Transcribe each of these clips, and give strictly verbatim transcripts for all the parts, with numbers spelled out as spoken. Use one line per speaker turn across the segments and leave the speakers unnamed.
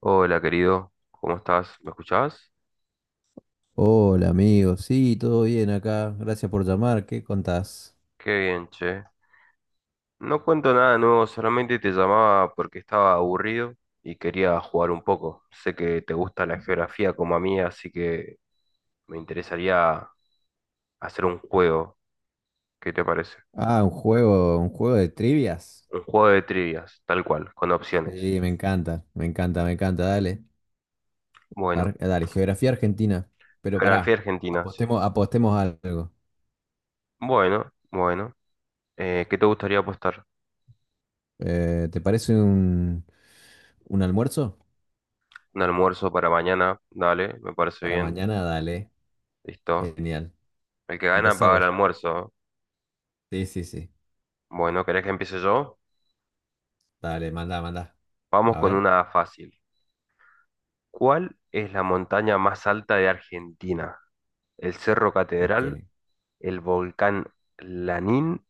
Hola querido, ¿cómo estás? ¿Me escuchás?
Hola amigo, sí, todo bien acá. Gracias por llamar. ¿Qué contás?
Qué bien, che. No cuento nada nuevo, solamente te llamaba porque estaba aburrido y quería jugar un poco. Sé que te gusta la geografía como a mí, así que me interesaría hacer un juego. ¿Qué te parece?
Ah, un juego, un juego de trivias.
Un juego de trivias, tal cual, con opciones.
Sí, me encanta, me encanta, me encanta. Dale,
Bueno,
Ar- dale, geografía argentina. Pero
geografía
pará,
argentina, sí.
apostemos, apostemos algo.
Bueno, bueno. Eh, ¿qué te gustaría apostar?
Eh, ¿te parece un, un almuerzo?
Un almuerzo para mañana, dale, me parece
Para
bien.
mañana, dale.
Listo.
Genial.
El que gana
Empezá
paga el
vos.
almuerzo.
Sí, sí, sí.
Bueno, ¿querés que empiece yo?
Dale, manda, manda.
Vamos
A
con
ver.
una fácil. ¿Cuál es la montaña más alta de Argentina? ¿El Cerro
Ok.
Catedral, el volcán Lanín,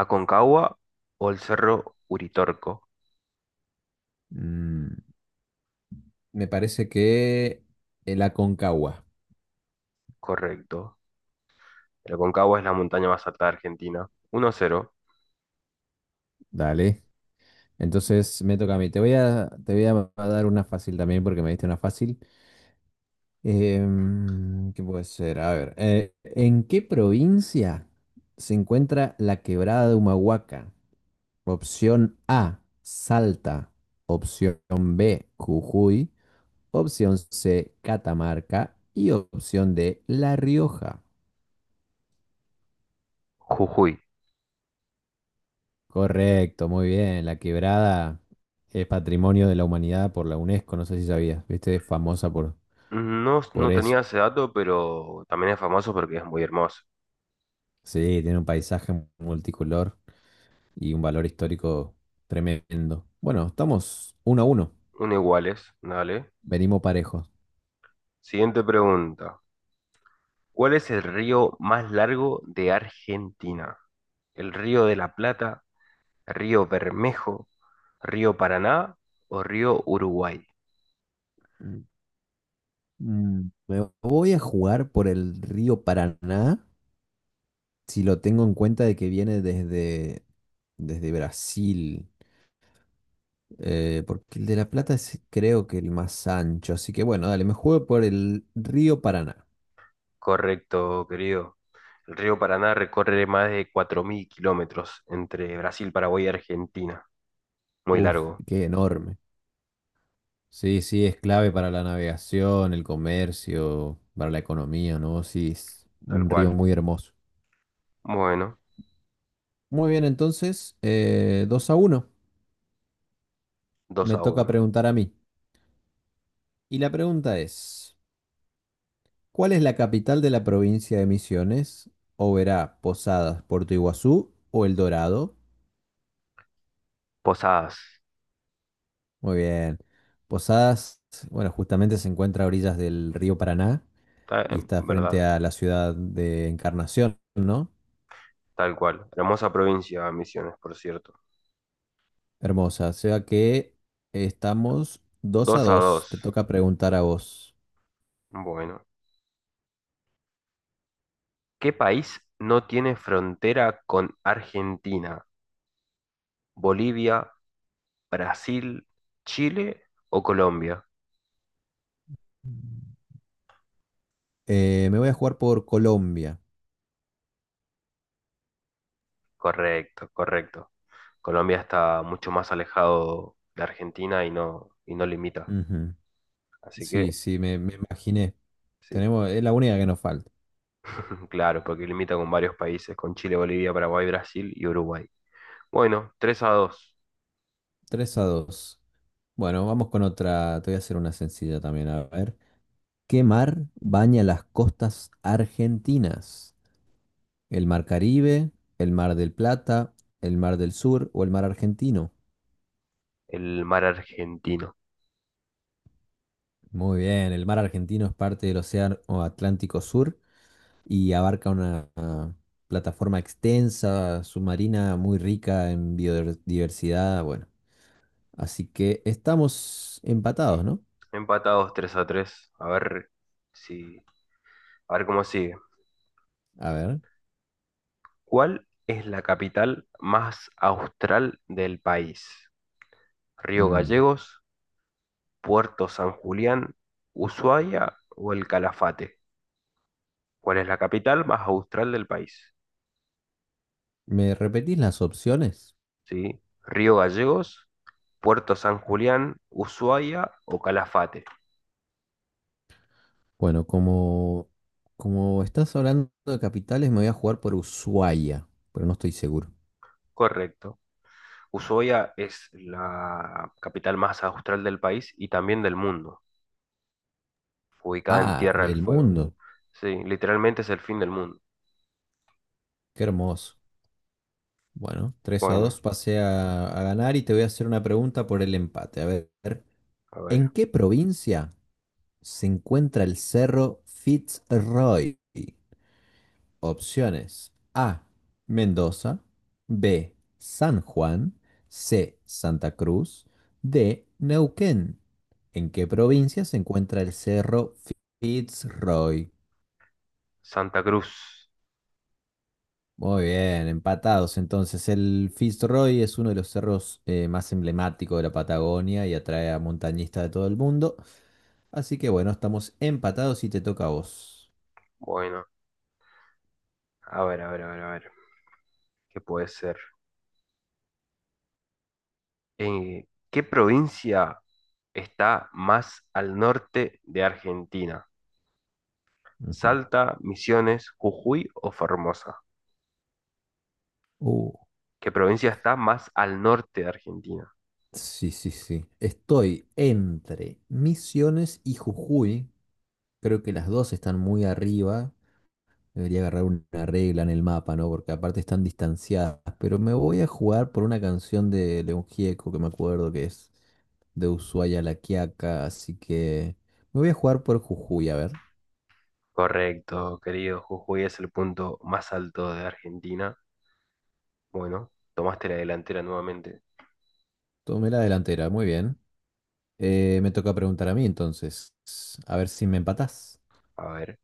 Aconcagua o el Cerro Uritorco?
Mm, Me parece que el Aconcagua.
Correcto. El Aconcagua es la montaña más alta de Argentina. Uno cero.
Dale. Entonces me toca a mí. Te voy a, te voy a dar una fácil también porque me diste una fácil. Em, ¿qué puede ser? A ver, eh, ¿en qué provincia se encuentra la quebrada de Humahuaca? Opción A, Salta. Opción B, Jujuy. Opción C, Catamarca. Y opción D, La Rioja.
Jujuy.
Correcto, muy bien. La quebrada es patrimonio de la humanidad por la UNESCO. No sé si sabías, viste, es famosa por,
No,
por
no
eso.
tenía ese dato, pero también es famoso porque es muy hermoso.
Sí, tiene un paisaje multicolor y un valor histórico tremendo. Bueno, estamos uno a uno,
Un iguales, dale.
venimos parejos.
Siguiente pregunta. ¿Cuál es el río más largo de Argentina? ¿El río de la Plata, río Bermejo, río Paraná o río Uruguay?
Mm. Mm, Me voy a jugar por el río Paraná, si lo tengo en cuenta de que viene desde, desde Brasil, eh, porque el de La Plata es creo que el más ancho, así que bueno, dale, me juego por el río Paraná.
Correcto, querido. El río Paraná recorre más de cuatro mil kilómetros entre Brasil, Paraguay y Argentina. Muy
Uf,
largo,
qué enorme. Sí, sí, es clave para la navegación, el comercio, para la economía, ¿no? Sí, es
tal
un río
cual.
muy hermoso.
Bueno,
Muy bien, entonces, eh, dos a uno.
dos
Me
a
toca
uno.
preguntar a mí. Y la pregunta es, ¿cuál es la capital de la provincia de Misiones? ¿Oberá, Posadas, Puerto Iguazú o El Dorado?
Posadas,
Muy bien. Posadas, bueno, justamente se encuentra a orillas del río Paraná
ta- eh,
y está frente
¿verdad?
a la ciudad de Encarnación, ¿no?
Tal cual. Hermosa provincia, Misiones, por cierto.
Hermosa, o sea que estamos dos a
Dos a
dos
dos.
Te toca preguntar a vos.
Bueno. ¿Qué país no tiene frontera con Argentina, Bolivia, Brasil, Chile o Colombia?
Eh, me voy a jugar por Colombia.
Correcto, correcto. Colombia está mucho más alejado de Argentina y no, y no limita.
Ujú.
Así
Sí,
que
sí, me, me imaginé.
sí,
Tenemos, es la única que nos falta.
claro, porque limita con varios países, con Chile, Bolivia, Paraguay, Brasil y Uruguay. Bueno, tres a dos,
Tres a dos. Bueno, vamos con otra. Te voy a hacer una sencilla también. A ver. ¿Qué mar baña las costas argentinas? ¿El mar Caribe, el mar del Plata, el mar del Sur o el mar argentino?
el mar argentino.
Muy bien, el mar argentino es parte del Océano Atlántico Sur y abarca una ah, plataforma extensa, submarina, muy rica en biodiversidad. Bueno, así que estamos empatados, ¿no?
Empatados tres a tres. A ver, si, a ver cómo sigue.
A ver,
¿Cuál es la capital más austral del país? ¿Río
mm,
Gallegos, Puerto San Julián, Ushuaia o el Calafate? ¿Cuál es la capital más austral del país?
¿me repetís las opciones?
¿Sí? ¿Río Gallegos, Puerto San Julián, Ushuaia o Calafate?
Bueno, como, como estás hablando de capitales, me voy a jugar por Ushuaia, pero no estoy seguro.
Correcto. Ushuaia es la capital más austral del país y también del mundo, ubicada en
Ah,
Tierra del
del
Fuego.
mundo,
Sí, literalmente es el fin del mundo.
qué hermoso. Bueno, tres a
Bueno,
dos pasé a, a ganar y te voy a hacer una pregunta por el empate. A ver,
a ver.
¿en qué provincia se encuentra el Cerro Fitzroy? Opciones. A, Mendoza. B, San Juan. C, Santa Cruz. D, Neuquén. ¿En qué provincia se encuentra el Cerro Fitzroy?
Santa Cruz.
Muy bien, empatados. Entonces, el Fitzroy es uno de los cerros eh, más emblemáticos de la Patagonia y atrae a montañistas de todo el mundo. Así que bueno, estamos empatados y te toca a vos.
Bueno, a ver, a ver, a ver, a ver. ¿Qué puede ser? Eh, ¿qué provincia está más al norte de Argentina?
Ujú.
¿Salta, Misiones, Jujuy o Formosa?
Uh,
¿Qué provincia está más al norte de Argentina?
Sí, sí, sí. Estoy entre Misiones y Jujuy. Creo que las dos están muy arriba. Debería agarrar una regla en el mapa, ¿no? Porque aparte están distanciadas. Pero me voy a jugar por una canción de León Gieco que me acuerdo que es de Ushuaia a La Quiaca. Así que me voy a jugar por Jujuy, a ver.
Correcto, querido. Jujuy es el punto más alto de Argentina. Bueno, tomaste la delantera nuevamente.
Tomé la delantera, muy bien. Eh, me toca preguntar a mí entonces. A ver si me empatás.
A ver,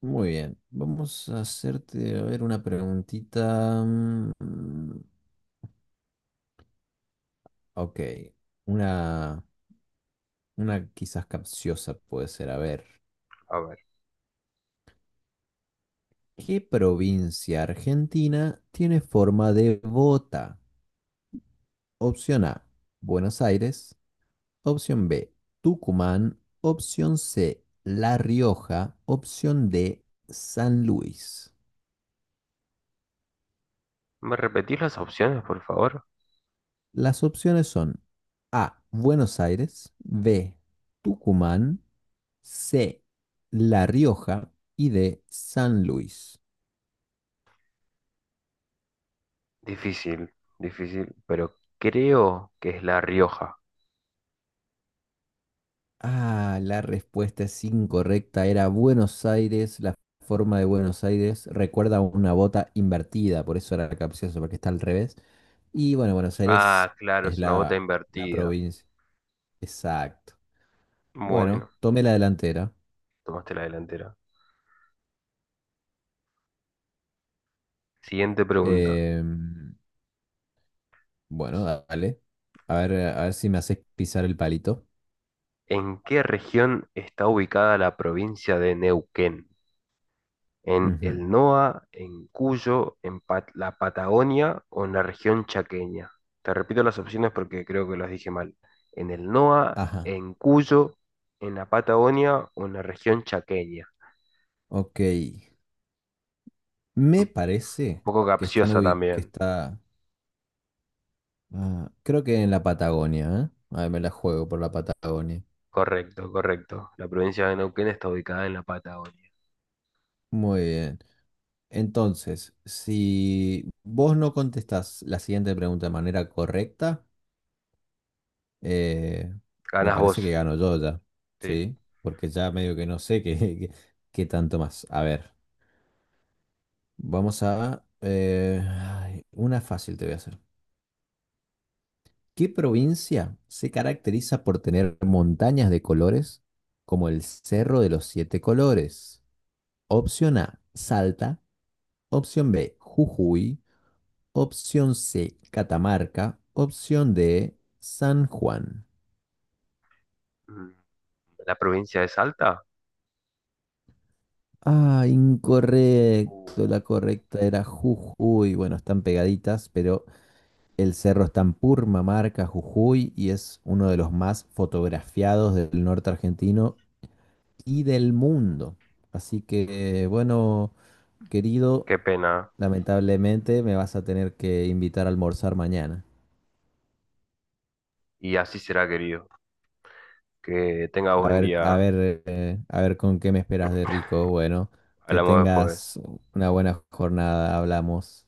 Muy bien, vamos a hacerte, a ver, una preguntita. Mm, mm, ok, una, una quizás capciosa puede ser. A ver,
a ver.
¿qué provincia argentina tiene forma de bota? Opción A, Buenos Aires. Opción B, Tucumán. Opción C, La Rioja. Opción D, San Luis.
¿Me repetís las opciones, por favor?
Las opciones son A, Buenos Aires. B, Tucumán. C, La Rioja y D, San Luis.
Difícil, difícil, pero creo que es La Rioja.
Ah, la respuesta es incorrecta. Era Buenos Aires, la forma de Buenos Aires recuerda una bota invertida, por eso era capcioso, porque está al revés. Y bueno, Buenos Aires
Ah, claro,
es
es una bota
la, la
invertida.
provincia. Exacto. Bueno,
Bueno,
tomé la delantera.
tomaste la delantera. Siguiente pregunta.
Em, bueno, dale. A ver, a ver si me haces pisar el palito.
¿En qué región está ubicada la provincia de Neuquén? ¿En
Ujú.
el NOA, en Cuyo, en Pat- la Patagonia o en la región chaqueña? Te repito las opciones porque creo que las dije mal. ¿En el NOA,
Ajá,
en Cuyo, en la Patagonia o en la región chaqueña?
ok. Me
Un
parece
poco
que están
capciosa
ubi- que
también.
está, ah, creo que en la Patagonia, ¿eh? A ver, me la juego por la Patagonia.
Correcto, correcto. La provincia de Neuquén está ubicada en la Patagonia.
Muy bien. Entonces, si vos no contestás la siguiente pregunta de manera correcta, eh, me
Ganas
parece que
vos.
gano yo ya,
Sí.
¿sí? Porque ya medio que no sé qué, qué- qué tanto más. A ver, vamos a, eh, ay, una fácil te voy a hacer. ¿Qué provincia se caracteriza por tener montañas de colores como el Cerro de los Siete Colores? Opción A, Salta. Opción B, Jujuy. Opción C, Catamarca. Opción D, San Juan.
Mm, ¿la provincia de Salta?
Ah, incorrecto.
Uh.
La correcta era Jujuy. Bueno, están pegaditas, pero el cerro está en Purmamarca, Jujuy, y es uno de los más fotografiados del norte argentino y del mundo. Así que, bueno, querido,
Qué pena.
lamentablemente me vas a tener que invitar a almorzar mañana.
Y así será, querido. Que tenga
A
buen
ver, a
día.
ver, eh, a ver con qué me esperas de rico. Bueno, que
Hablamos después.
tengas una buena jornada. Hablamos.